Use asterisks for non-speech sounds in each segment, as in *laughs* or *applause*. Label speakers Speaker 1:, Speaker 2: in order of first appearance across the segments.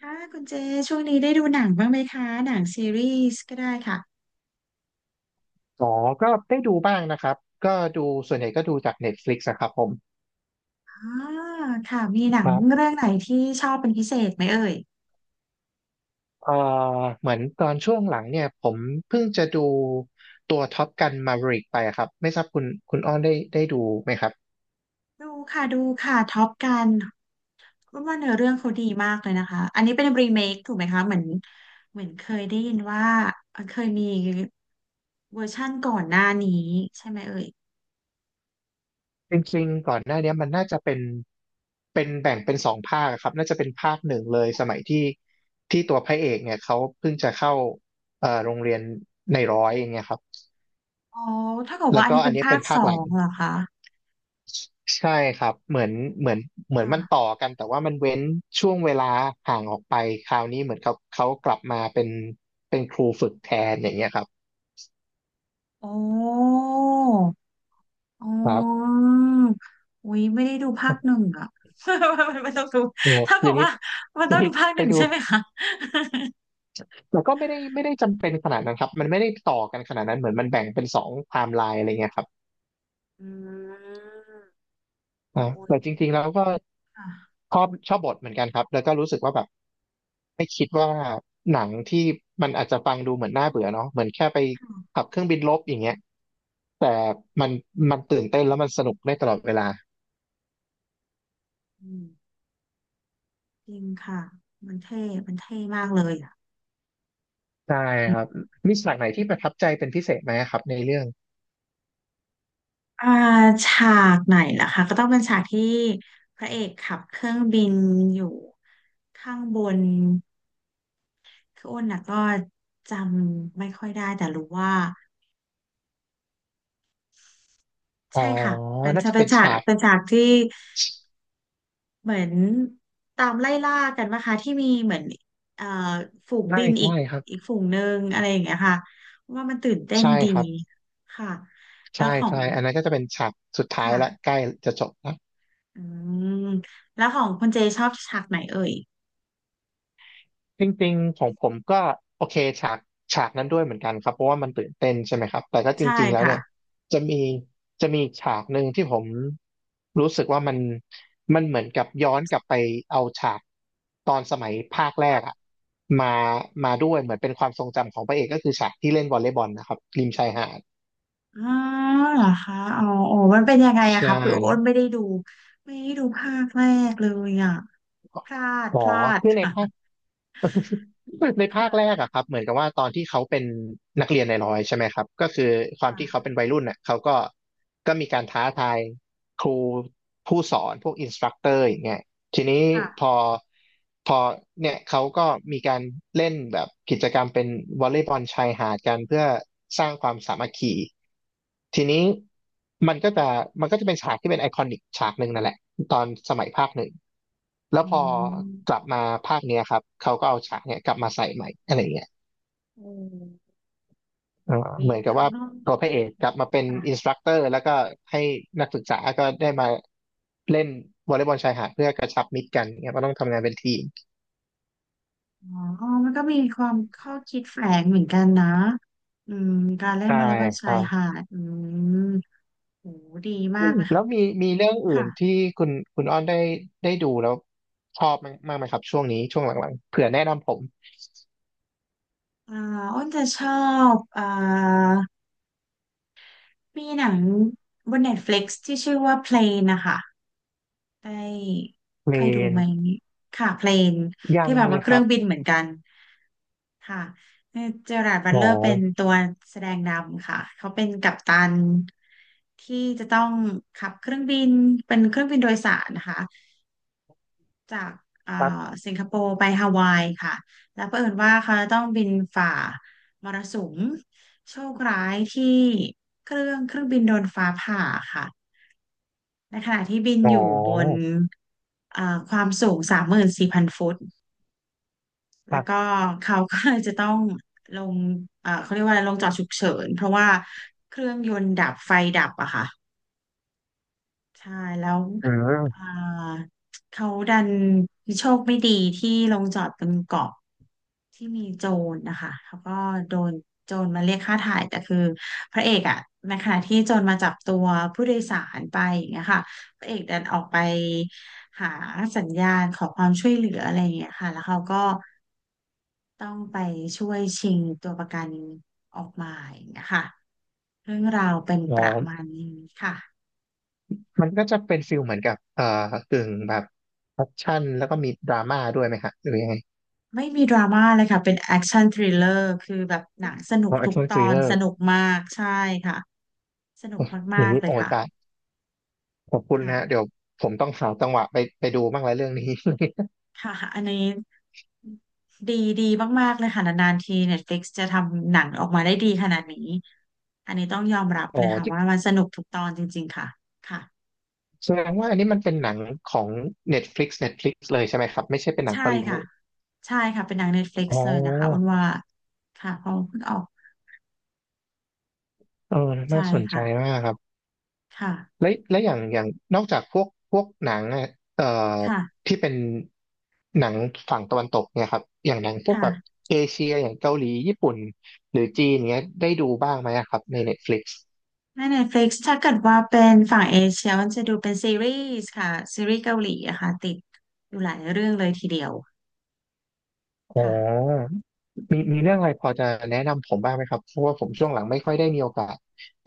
Speaker 1: ค่ะคุณเจช่วงนี้ได้ดูหนังบ้างไหมคะหนังซีรีส์ก็ได้ค่ะ
Speaker 2: อ๋อก็ได้ดูบ้างนะครับก็ดูส่วนใหญ่ก็ดูจาก Netflix อะครับผม
Speaker 1: อ่าค่ะมีหนั
Speaker 2: ค
Speaker 1: ง
Speaker 2: รับ
Speaker 1: เรื่องไหนที่ชอบเป็นพิเศษไหมเอ่ย
Speaker 2: เอ่อเหมือนตอนช่วงหลังเนี่ยผมเพิ่งจะดูตัวท็อปกันมา v e ริกไปอะครับไม่ทราบคุณคุณอ้อนได้ดูไหมครับ
Speaker 1: ดูค่ะดูค่ะท็อปกันว่าเนื้อเรื่องเขาดีมากเลยนะคะอันนี้เป็นรีเมคถูกไหมคะเหมือนเคยได้ยินว่าเคยมีเวอร์ชั่นก่อนหน้านี้ใช่ไหมเอ่ย
Speaker 2: จริงๆก่อนหน้าเนี้ยมันน่าจะเป็นแบ่งเป็นสองภาคอะครับน่าจะเป็นภาคหนึ่งเลยสมัยที่ตัวพระเอกเนี่ยเขาเพิ่งจะเข้าโรงเรียนในร้อยอย่างเงี้ยครับ
Speaker 1: อ๋อถ้าเกิดว่า
Speaker 2: แล้ว
Speaker 1: อัน
Speaker 2: ก็
Speaker 1: นี้
Speaker 2: อั
Speaker 1: เป็
Speaker 2: น
Speaker 1: น
Speaker 2: นี้
Speaker 1: ภา
Speaker 2: เป็
Speaker 1: ค
Speaker 2: น
Speaker 1: ส
Speaker 2: ภาค
Speaker 1: อ
Speaker 2: หลัง
Speaker 1: งเหรอคะ
Speaker 2: ใช่ครับเหมือนเหมือน
Speaker 1: ค่ะ
Speaker 2: มันต่อกันแต่ว่ามันเว้นช่วงเวลาห่างออกไปคราวนี้เหมือนเขากลับมาเป็นครูฝึกแทนอย่างเงี้ยครับ
Speaker 1: โอ้ อ๋
Speaker 2: ครับ
Speaker 1: ออุ้ยไม่ได้ดูภาคหนึ่งอะ *laughs* ไม่ต้องดู
Speaker 2: โอ้
Speaker 1: ถ้า
Speaker 2: อ
Speaker 1: เกิ
Speaker 2: ย่า
Speaker 1: ด
Speaker 2: งนี้
Speaker 1: ว่ามันต้องดูภาคห
Speaker 2: ไป
Speaker 1: นึ่ง
Speaker 2: ดู
Speaker 1: ใช่ไหมคะ
Speaker 2: แล้วก็ไม่ได้จำเป็นขนาดนั้นครับมันไม่ได้ต่อกันขนาดนั้นเหมือนมันแบ่งเป็นสองไทม์ไลน์อะไรเงี้ยครับ
Speaker 1: อืมโอ้ย
Speaker 2: แต่จริงๆแล้วก็
Speaker 1: ค่ะ
Speaker 2: ชอบบทเหมือนกันครับแล้วก็รู้สึกว่าแบบหนังที่มันอาจจะฟังดูเหมือนน่าเบื่อเนาะเหมือนแค่ไปขับเครื่องบินรบอย่างเงี้ยแต่มันตื่นเต้นแล้วมันสนุกได้ตลอดเวลา
Speaker 1: อืมจริงค่ะมันเท่มันเท่มากเลยอ่ะ
Speaker 2: ได้
Speaker 1: อื
Speaker 2: ครับ
Speaker 1: ม
Speaker 2: มีฉากไหนที่ประทับใจเป็นพิเศษไหมครับในเรื่อง
Speaker 1: อ่าฉากไหนล่ะคะก็ต้องเป็นฉากที่พระเอกขับเครื่องบินอยู่ข้างบนคืออ้นน่ะก็จำไม่ค่อยได้แต่รู้ว่า
Speaker 2: อ๋อ
Speaker 1: ใช่ค่ะเป็น
Speaker 2: น่า
Speaker 1: ฉาก
Speaker 2: จะ
Speaker 1: เป็
Speaker 2: เป็
Speaker 1: น
Speaker 2: น
Speaker 1: ฉาก
Speaker 2: ฉาก
Speaker 1: เป็นฉากที่ เหมือนตามไล่ล่ากันนะคะที่มีเหมือนเอ่อฝูง
Speaker 2: ใช่
Speaker 1: บินอี
Speaker 2: ใช่
Speaker 1: ก
Speaker 2: ครับ
Speaker 1: อีกฝูงหนึ่งอะไรอย่างเงี้ยค่ะว่ามันตื่นเต้น
Speaker 2: ใช่
Speaker 1: ดี
Speaker 2: ครับ
Speaker 1: ค่ะแล้
Speaker 2: ใช่
Speaker 1: วขอ
Speaker 2: ใช่
Speaker 1: ง
Speaker 2: อันนั้นก็จะเป็นฉากสุดท้าย
Speaker 1: ค่ะ
Speaker 2: ละใกล้จะจบละ
Speaker 1: อืมแล้วของคุณเจชอบฉากไหนเอ่ย
Speaker 2: จริงๆของผมก็โอเคฉากนั้นด้วยเหมือนกันครับเพราะว่ามันตื่นเต้นใช่ไหมครับแต่ก็จ
Speaker 1: ใช่
Speaker 2: ริงๆแล้ว
Speaker 1: ค่ะ
Speaker 2: เนี่ยจะมีฉากหนึ่งที่ผมรู้สึกว่ามันเหมือนกับย้อนกลับไปเอาฉากตอนสมัยภาคแรกอะมาด้วยเหมือนเป็นความทรงจำของพระเอกก็คือฉากที่เล่นวอลเลย์บอลนะครับริมชายหาด
Speaker 1: อ๋อเหรอคะอ๋ออ๋อมันเป็นยังไงอะ
Speaker 2: ใช่
Speaker 1: คะคือโอ้นไม่ได้ดูภาคแรกเลยอะพลาด
Speaker 2: อ๋อ
Speaker 1: พลาด
Speaker 2: คือใน
Speaker 1: ค่ะ
Speaker 2: ภา *laughs* ในภาคแร
Speaker 1: ค่ะ
Speaker 2: กอะครับเหมือนกับว่าตอนที่เขาเป็นนักเรียนในร้อยใช่ไหมครับก็คือความที่เขา
Speaker 1: ค่ะ
Speaker 2: เป็นวัยรุ่นน่ะเขาก็มีการท้าทายครูผู้สอนพวกอินสตรัคเตอร์อย่างเงี้ยทีนี้
Speaker 1: ค่ะ
Speaker 2: พอพอเนี่ยเขาก็มีการเล่นแบบกิจกรรมเป็นวอลเลย์บอลชายหาดกันเพื่อสร้างความสามัคคีทีนี้มันก็จะเป็นฉากที่เป็นไอคอนิกฉากหนึ่งนั่นแหละตอนสมัยภาคหนึ่ง แล้ว
Speaker 1: อื
Speaker 2: พอกลั
Speaker 1: ม
Speaker 2: บมาภาคเนี้ยครับเขาก็เอาฉากเนี่ยกลับมาใส่ใหม่อะไรเงี้ย
Speaker 1: โอ
Speaker 2: เออ
Speaker 1: ้
Speaker 2: เห
Speaker 1: ย
Speaker 2: มือนกับ
Speaker 1: แล้ว
Speaker 2: ว่า
Speaker 1: เนอะ
Speaker 2: ตัวพระเอกกลับมาเป็น
Speaker 1: ค่ะ
Speaker 2: อินสตรัคเตอร์แล้วก็ให้นักศึกษาก็ได้มาเล่นวอลเลย์บอลชายหาดเพื่อกระชับมิตรกันเนี่ยมันต้องทำงานเป็นทีม
Speaker 1: อ๋อมันก็มีความข้อคิดแฝงเหมือนกันนะ อืม การเล่น
Speaker 2: ใช่
Speaker 1: วอลเลย์บอล
Speaker 2: ค
Speaker 1: ชา
Speaker 2: รั
Speaker 1: ย
Speaker 2: บ
Speaker 1: หาด อืมโหดีมา
Speaker 2: อื
Speaker 1: ก
Speaker 2: ม
Speaker 1: เลย
Speaker 2: แล้
Speaker 1: ค่ะ
Speaker 2: วมีเรื่องอื่
Speaker 1: ค่ะ
Speaker 2: นที่คุณอ้อนได้ดูแล้วชอบมั้ยมากไหมครับช่วงนี้ช่วงหลังๆเผื่อแนะนำผม
Speaker 1: อ่าอ้นจะชอบอ่ามีหนังบน Netflix ที่ชื่อว่า Plane นะคะได้
Speaker 2: เม
Speaker 1: เคยดู
Speaker 2: น
Speaker 1: ไหม ค่ะ Plane
Speaker 2: ยั
Speaker 1: ที่
Speaker 2: ง
Speaker 1: แบบ
Speaker 2: เล
Speaker 1: ว่า
Speaker 2: ย
Speaker 1: เค
Speaker 2: ค
Speaker 1: รื่
Speaker 2: รั
Speaker 1: อ
Speaker 2: บ
Speaker 1: งบินเหมือนกัน ค่ะเจอราร์ดบัต
Speaker 2: หม
Speaker 1: เล
Speaker 2: อ
Speaker 1: อร์เป็นตัวแสดงนำค่ะเขาเป็นกัปตันที่จะต้องขับเครื่องบินเป็นเครื่องบินโดยสารนะคะจากเอ่อ
Speaker 2: ครับ
Speaker 1: สิงคโปร์ไปฮาวายค่ะแล้วเผอิญว่าเขาจะต้องบินฝ่ามรสุมโชคร้ายที่เครื่องบินโดนฟ้าผ่าค่ะในขณะที่บิน
Speaker 2: หม
Speaker 1: อยู่บน
Speaker 2: อ
Speaker 1: ความสูง34,000 ฟุต
Speaker 2: ค
Speaker 1: แล้
Speaker 2: รั
Speaker 1: วก็
Speaker 2: บ
Speaker 1: เขาก็เลยจะต้องลง *laughs* เขาเรียกว่าอะไรลงจอดฉุกเฉินเพราะว่าเครื่องยนต์ดับไฟดับอะค่ะใช่แล้ว
Speaker 2: อื
Speaker 1: เอ่
Speaker 2: ม
Speaker 1: อเขาดันโชคไม่ดีที่ลงจอดบนเกาะที่มีโจรนะคะเขาก็โดนโจรมาเรียกค่าถ่ายแต่คือพระเอกอะในขณะที่โจรมาจับตัวผู้โดยสารไปอย่างเงี้ยค่ะพระเอกดันออกไปหาสัญญาณขอความช่วยเหลืออะไรอย่างเงี้ยค่ะแล้วเขาก็ ต้องไปช่วยชิงตัวประกันออกมาอย่างเงี้ยค่ะเรื่องราวเป็น
Speaker 2: อ
Speaker 1: ประมา
Speaker 2: อ
Speaker 1: ณนี้ค่ะ
Speaker 2: มันก็จะเป็นฟิลเหมือนกับกึ่งแบบแอคชั่นแล้วก็มีดราม่าด้วยไหมฮะหรือยังไง
Speaker 1: ไม่มีดราม่าเลยค่ะเป็นแอคชั่นทริลเลอร์คือแบบหนังสนุ
Speaker 2: อ๋
Speaker 1: ก
Speaker 2: อแอค
Speaker 1: ทุก
Speaker 2: ชั่น
Speaker 1: ต
Speaker 2: ทริ
Speaker 1: อ
Speaker 2: ล
Speaker 1: น
Speaker 2: เลอ
Speaker 1: ส
Speaker 2: ร์
Speaker 1: นุกมากใช่ค่ะสนุก
Speaker 2: อย่า
Speaker 1: มา
Speaker 2: ง
Speaker 1: ก
Speaker 2: นี้
Speaker 1: ๆเล
Speaker 2: โอ้
Speaker 1: ย
Speaker 2: ย
Speaker 1: ค่ะ
Speaker 2: ตายขอบคุณ
Speaker 1: ค่ะ
Speaker 2: นะฮะเดี๋ยวผมต้องหาจังหวะไปดูบ้างแล้วเรื่องนี้
Speaker 1: ค่ะอันนี้ดีดีมากๆเลยค่ะนานๆที Netflix จะทำหนังออกมาได้ดีขนาดนี้อันนี้ต้องยอมรับ
Speaker 2: *laughs* อ๋อ
Speaker 1: เลยค่ะ
Speaker 2: ที่
Speaker 1: ว่ามันสนุกทุกตอนจริงๆค่ะค่ะ
Speaker 2: แสดงว่าอันนี้มันเป็นหนังของ Netflix เลยใช่ไหมครับไม่ใช่เป็นหนัง
Speaker 1: ใช่
Speaker 2: ฮอลลีวู
Speaker 1: ค่ะ
Speaker 2: ด
Speaker 1: ใช่ค่ะเป็นหนัง Netflix
Speaker 2: อ๋อ
Speaker 1: เลยนะคะอ้นว่าค่ะเพอเพิ่งออก
Speaker 2: เออ
Speaker 1: ใช่
Speaker 2: น่าสนใจ
Speaker 1: ค่ะ
Speaker 2: มากครับ
Speaker 1: ค่ะ
Speaker 2: และอย่างนอกจากพวกหนังอะเอ่อ
Speaker 1: ค่ะ
Speaker 2: ที่เป็นหนังฝั่งตะวันตกเนี่ยครับอย่างหนังพวกแบบ
Speaker 1: ค่ะ
Speaker 2: เอเชียอย่างเกาหลีญี่ปุ่นหรือจีนเนี้ยได้ดูบ้างไหมอะครับใน Netflix
Speaker 1: ใน Netflix ถ้าเกิดว่าเป็นฝั่งเอเชียมันจะดูเป็นซีรีส์ค่ะซีรีส์เกาหลีอะค่ะติดอยู่หลายเรื่องเลยทีเดียว
Speaker 2: อ๋
Speaker 1: ค่ะ
Speaker 2: อมีเรื่องอะไรพอจะแนะนำผมบ้างไหมครับเพราะว่าผมช่วงหลังไม่ค่อยได้มีโอกาส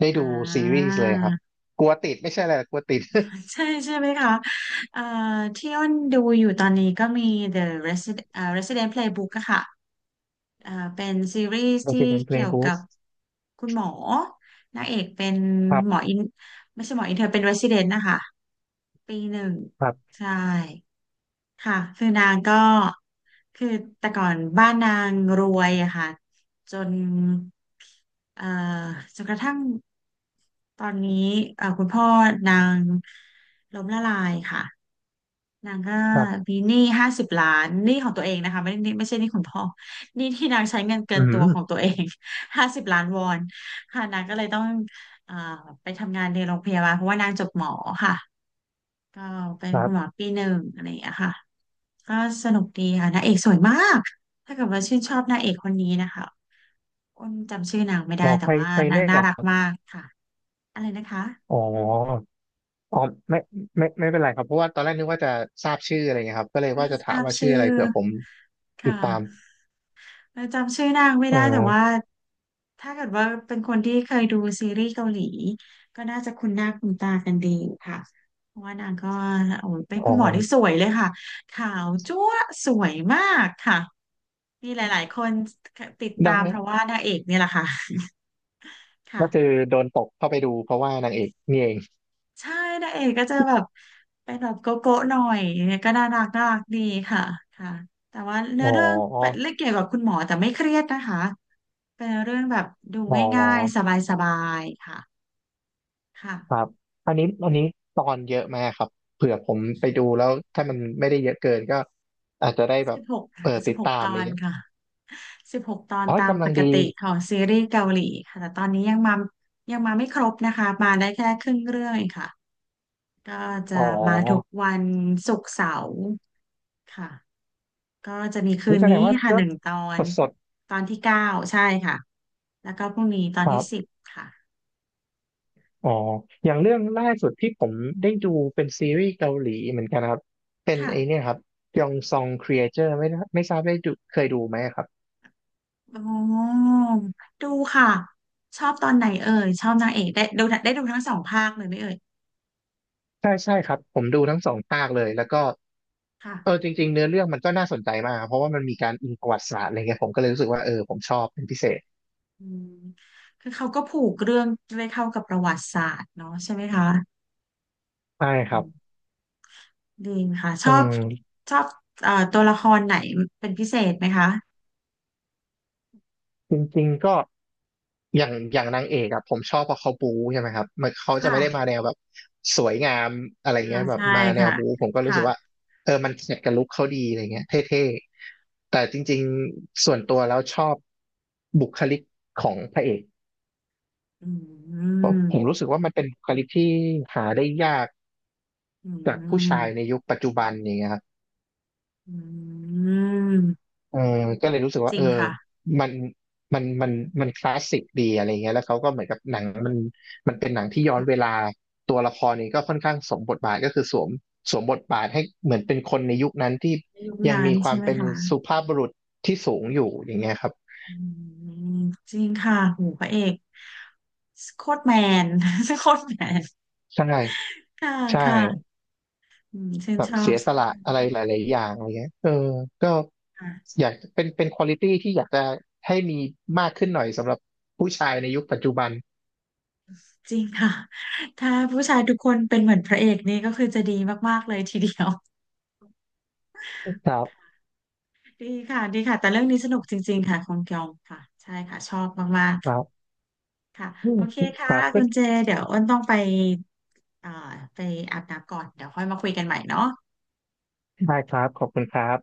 Speaker 2: ได้
Speaker 1: อ่
Speaker 2: ดูซีรีส์เลยครับ
Speaker 1: า
Speaker 2: กลัวติดไม่ใช่อะไรหรอกกลัวติด
Speaker 1: ใช่ใช่ไหมคะเอ่อที่อ้นดูอยู่ตอนนี้ก็มี The Resident Resident Playbook อะค่ะเป็นซีรีส์
Speaker 2: *laughs* โอ
Speaker 1: ที่
Speaker 2: เคเป็น
Speaker 1: เกี่ยวกั
Speaker 2: Playbook
Speaker 1: บคุณหมอนางเอกเป็น
Speaker 2: ครั
Speaker 1: หมอ
Speaker 2: บ
Speaker 1: อินไม่ใช่หมออินเธอเป็น Resident นะคะ ปีหนึ่ง
Speaker 2: ครับ
Speaker 1: ใช่ ค่ะคือนางก็คือแต่ก่อนบ้านนางรวยอะค่ะจนเอ่อจนกระทั่งตอนนี้คุณพ่อนางล้มละลายค่ะนางก็
Speaker 2: ครับ
Speaker 1: มีหนี้ห้าสิบล้านหนี้ของตัวเองนะคะไม่ได้หนี้ไม่ใช่หนี้คุณพ่อหนี้ที่นางใช้เงินเกิ
Speaker 2: อื
Speaker 1: นตัว
Speaker 2: ม
Speaker 1: ของตัวเอง *laughs* 50 ล้านวอนค่ะนางก็เลยต้องเอ่อไปทำงานในโรงพยาบาลเพราะว่านางจบหมอค่ะก็เป็น
Speaker 2: ครั
Speaker 1: คุณหมอ
Speaker 2: บ
Speaker 1: ปีหนึ่งอะไรอย่างเงี้ยค่ะ ก็สนุกดีค่ะนางเอกสวยมากถ้าเกิดว่าชื่นชอบนางเอกคนนี้นะคะอ้นจำชื่อนางไม่
Speaker 2: อ
Speaker 1: ได้
Speaker 2: อก
Speaker 1: แต่
Speaker 2: ใคร
Speaker 1: ว่า
Speaker 2: ใคร
Speaker 1: นาง
Speaker 2: เล่น
Speaker 1: น่า
Speaker 2: อ่ะ
Speaker 1: รั
Speaker 2: ค
Speaker 1: ก
Speaker 2: รับ
Speaker 1: มากค่ะอะไรนะคะ
Speaker 2: อ๋อ อ๋อไม่ไม่ไม่เป็นไรครับเพราะว่าตอนแรกนึกว่าจะทราบชื่ออะไรเงี้ยครับก็เลย
Speaker 1: ไม่
Speaker 2: ว่าจะ
Speaker 1: ท
Speaker 2: ถา
Speaker 1: รา
Speaker 2: ม
Speaker 1: บ
Speaker 2: ว่าชื่อ
Speaker 1: ชื่อ
Speaker 2: อะไรเผื่อผมติ
Speaker 1: ค่ะ
Speaker 2: ดตาม
Speaker 1: แล้วจำชื่อนางไม่
Speaker 2: อ๋
Speaker 1: ได้แต่ว่า
Speaker 2: อ
Speaker 1: ถ้าเกิดว่าเป็นคนที่เคยดูซีรีส์เกาหลีก็น่าจะคุ้นหน้าคุ้นตากันดีค่ะเพราะว่านางก็โอ้ยเป็น
Speaker 2: อ๋
Speaker 1: คุ
Speaker 2: อ
Speaker 1: ณหมอที่สวยเลยค่ะขาวจั๊วะสวยมากค่ะมีหลายๆคนติดตา
Speaker 2: ได้
Speaker 1: ม
Speaker 2: ไหม
Speaker 1: เพราะว่านางเอกเนี่ยแหละค่ะค่ะ
Speaker 2: ก็คือโดนตกเข้าไปดูเพราะว่านางเอกนี่เอง
Speaker 1: ใช่นางเอกก็จะแบบเป็นแบบโกโก้หน่อยเนี่ยก็น่ารักน่ารักดีค่ะค่ะแต่ว่าเนื้
Speaker 2: อ๋
Speaker 1: อเรื่องเป็น
Speaker 2: อ
Speaker 1: เรื่องเกี่ยวกับคุณหมอแต่ไม่เครียดนะคะเป็นเรื่องแบบดู
Speaker 2: อ๋อ
Speaker 1: ง่ายๆสบายๆค่ะ
Speaker 2: ครั
Speaker 1: ค่ะ
Speaker 2: บอันนี้ตอนเยอะมากครับเผื่อผมไปดูแล้วถ้ามันไม่ได้เยอะเกินก็อาจจะได้แบ
Speaker 1: สิ
Speaker 2: บ
Speaker 1: บหก
Speaker 2: เปิดติดตาม
Speaker 1: ต
Speaker 2: อะ
Speaker 1: อ
Speaker 2: ไร
Speaker 1: น
Speaker 2: เงี้ย
Speaker 1: ค่ะสิบหกตอน
Speaker 2: อ๋อ
Speaker 1: ตาม
Speaker 2: กำ
Speaker 1: ป
Speaker 2: ลัง
Speaker 1: ก
Speaker 2: ดี
Speaker 1: ติของซีรีส์เกาหลีค่ะแต่ตอนนี้ยังมาไม่ครบนะคะมาได้แค่ครึ่งเรื่องเองค่ะก็จะ
Speaker 2: อ๋
Speaker 1: มาทุก
Speaker 2: อ
Speaker 1: วันศุกร์เสาร์ค่ะ ก็จะมีคื
Speaker 2: นี่
Speaker 1: น
Speaker 2: แสด
Speaker 1: นี้
Speaker 2: งว่า
Speaker 1: ค่ะ
Speaker 2: ก็
Speaker 1: หนึ่งตอ
Speaker 2: ส
Speaker 1: น
Speaker 2: ด
Speaker 1: ตอนที่ 9ใช่ค่ะแล้วก็พรุ่งนี้ตอ
Speaker 2: ค
Speaker 1: น
Speaker 2: รั
Speaker 1: ที่สิบ
Speaker 2: บ
Speaker 1: ค่ะ
Speaker 2: อ๋ออย่างเรื่องล่าสุดที่ผมได้ดูเป็นซีรีส์เกาหลีเหมือนกันครับ เป็น
Speaker 1: ค่ะ
Speaker 2: ไอเนี่ยครับยองซองครีเอเตอร์ไม่ทราบได้ดูเคยดูไหมครับ
Speaker 1: โอ้ดูค่ะชอบตอนไหนเอ่ยชอบนางเอกได้ดูทั้งสองภาคเลยไหมเอ่ย
Speaker 2: ใช่ใช่ครับ ผมดูทั้งสองภาคเลย แล้วก็เออ
Speaker 1: ค่ะ
Speaker 2: จริงๆเนื้อเรื่องมันก็น่าสนใจมากครับเพราะว่ามันมีการอิงประวัติศาสตร์อะไรเงี้ยผมก็เลยรู้สึกว่าเออผมชอบเป็นพิเศษ
Speaker 1: อืมคือเขาก็ผูกเรื่องด้วยเข้ากับประวัติศาสตร์เนาะใช่ไหมคะ
Speaker 2: ใช่ค
Speaker 1: อื
Speaker 2: รับ
Speaker 1: มดีค่ะช
Speaker 2: อื
Speaker 1: อบ
Speaker 2: ม
Speaker 1: ชอบตัวละครไหนเป็นพิเศษไหมคะ
Speaker 2: จริงๆก็ อย่างนางเอกอะผมชอบเพราะเขาบู๊ใช่ไหมครับมันเขาจะ
Speaker 1: ค่ะ
Speaker 2: ไม่ได้มาแนวแบบสวยงามอะไร
Speaker 1: อ่า
Speaker 2: เงี้ยแบบ
Speaker 1: ใช่
Speaker 2: มาแนว
Speaker 1: ค่ะ
Speaker 2: บู๊ผมก็รู้
Speaker 1: ค่ะ
Speaker 2: สึกว่าเออมันแมทกับลุคเขาดีอะไรเงี้ยเท่ๆแต่จริงๆส่วนตัวแล้วชอบบุคลิกของพระเอก
Speaker 1: อื
Speaker 2: เพราะผม
Speaker 1: ม
Speaker 2: รู้สึกว่ามันเป็นบุคลิกที่หาได้ยาก
Speaker 1: อื
Speaker 2: จากผู้ชายใน
Speaker 1: ม
Speaker 2: ยุคปัจจุบันอย่างเงี้ยครับ
Speaker 1: อืม
Speaker 2: เออก็เลยรู้สึก
Speaker 1: จ
Speaker 2: ว่า
Speaker 1: ริ
Speaker 2: เอ
Speaker 1: ง
Speaker 2: อ
Speaker 1: ค่ะ
Speaker 2: มันมันมันคลาสสิกดีอะไรเงี้ยแล้วเขาก็เหมือนกับหนังมันเป็นหนังที่ย้อน
Speaker 1: ค่ะ
Speaker 2: เวลาตัวละครนี้ก็ค่อนข้างสวมบทบาทก็คือสวมบทบาทให้เหมือนเป็นคนในยุคนั้นที่
Speaker 1: ในยุค
Speaker 2: ยัง
Speaker 1: นั้น
Speaker 2: มีควา
Speaker 1: ใช่
Speaker 2: ม
Speaker 1: ไหม
Speaker 2: เป็น
Speaker 1: คะ
Speaker 2: สุภาพบุรุษที่สูงอยู่อย่างเงี้ยครับ
Speaker 1: อืมจริงค่ะโหพระเอกโคตรแมน *laughs* โคตรแมน
Speaker 2: ใช่
Speaker 1: ค่ะ
Speaker 2: ใช่
Speaker 1: ค่ะอืมชื่น
Speaker 2: แบ
Speaker 1: ช
Speaker 2: บ
Speaker 1: อ
Speaker 2: เสี
Speaker 1: บ
Speaker 2: ยส
Speaker 1: เช่น
Speaker 2: ละ
Speaker 1: กัน
Speaker 2: อะไรหลายๆอย่างอะไรเงี้ยเออก็
Speaker 1: ค่ะ
Speaker 2: อยากเป็นควอลิตี้ที่อยากจะให้มีมากขึ้นหน่อยสำหรับผู้ชายในยุคปัจจุบัน
Speaker 1: จริงค่ะถ้าผู้ชายทุกคนเป็นเหมือนพระเอกนี่ก็คือจะดีมากๆเลยทีเดียว
Speaker 2: ครับ
Speaker 1: ดีค่ะดีค่ะแต่เรื่องนี้สนุกจริงๆค่ะของเกยองค่ะใช่ค่ะชอบมาก
Speaker 2: ครับ
Speaker 1: ๆค่ะ
Speaker 2: อื
Speaker 1: โอ
Speaker 2: ม
Speaker 1: เค
Speaker 2: ค
Speaker 1: ค่ะ
Speaker 2: รับก็
Speaker 1: คุณเจเดี๋ยวอ้นต้องไปเอ่อไปอาบน้ำก่อนเดี๋ยวค่อยมาคุยกันใหม่เนาะ
Speaker 2: ได้ครับขอบคุณครับ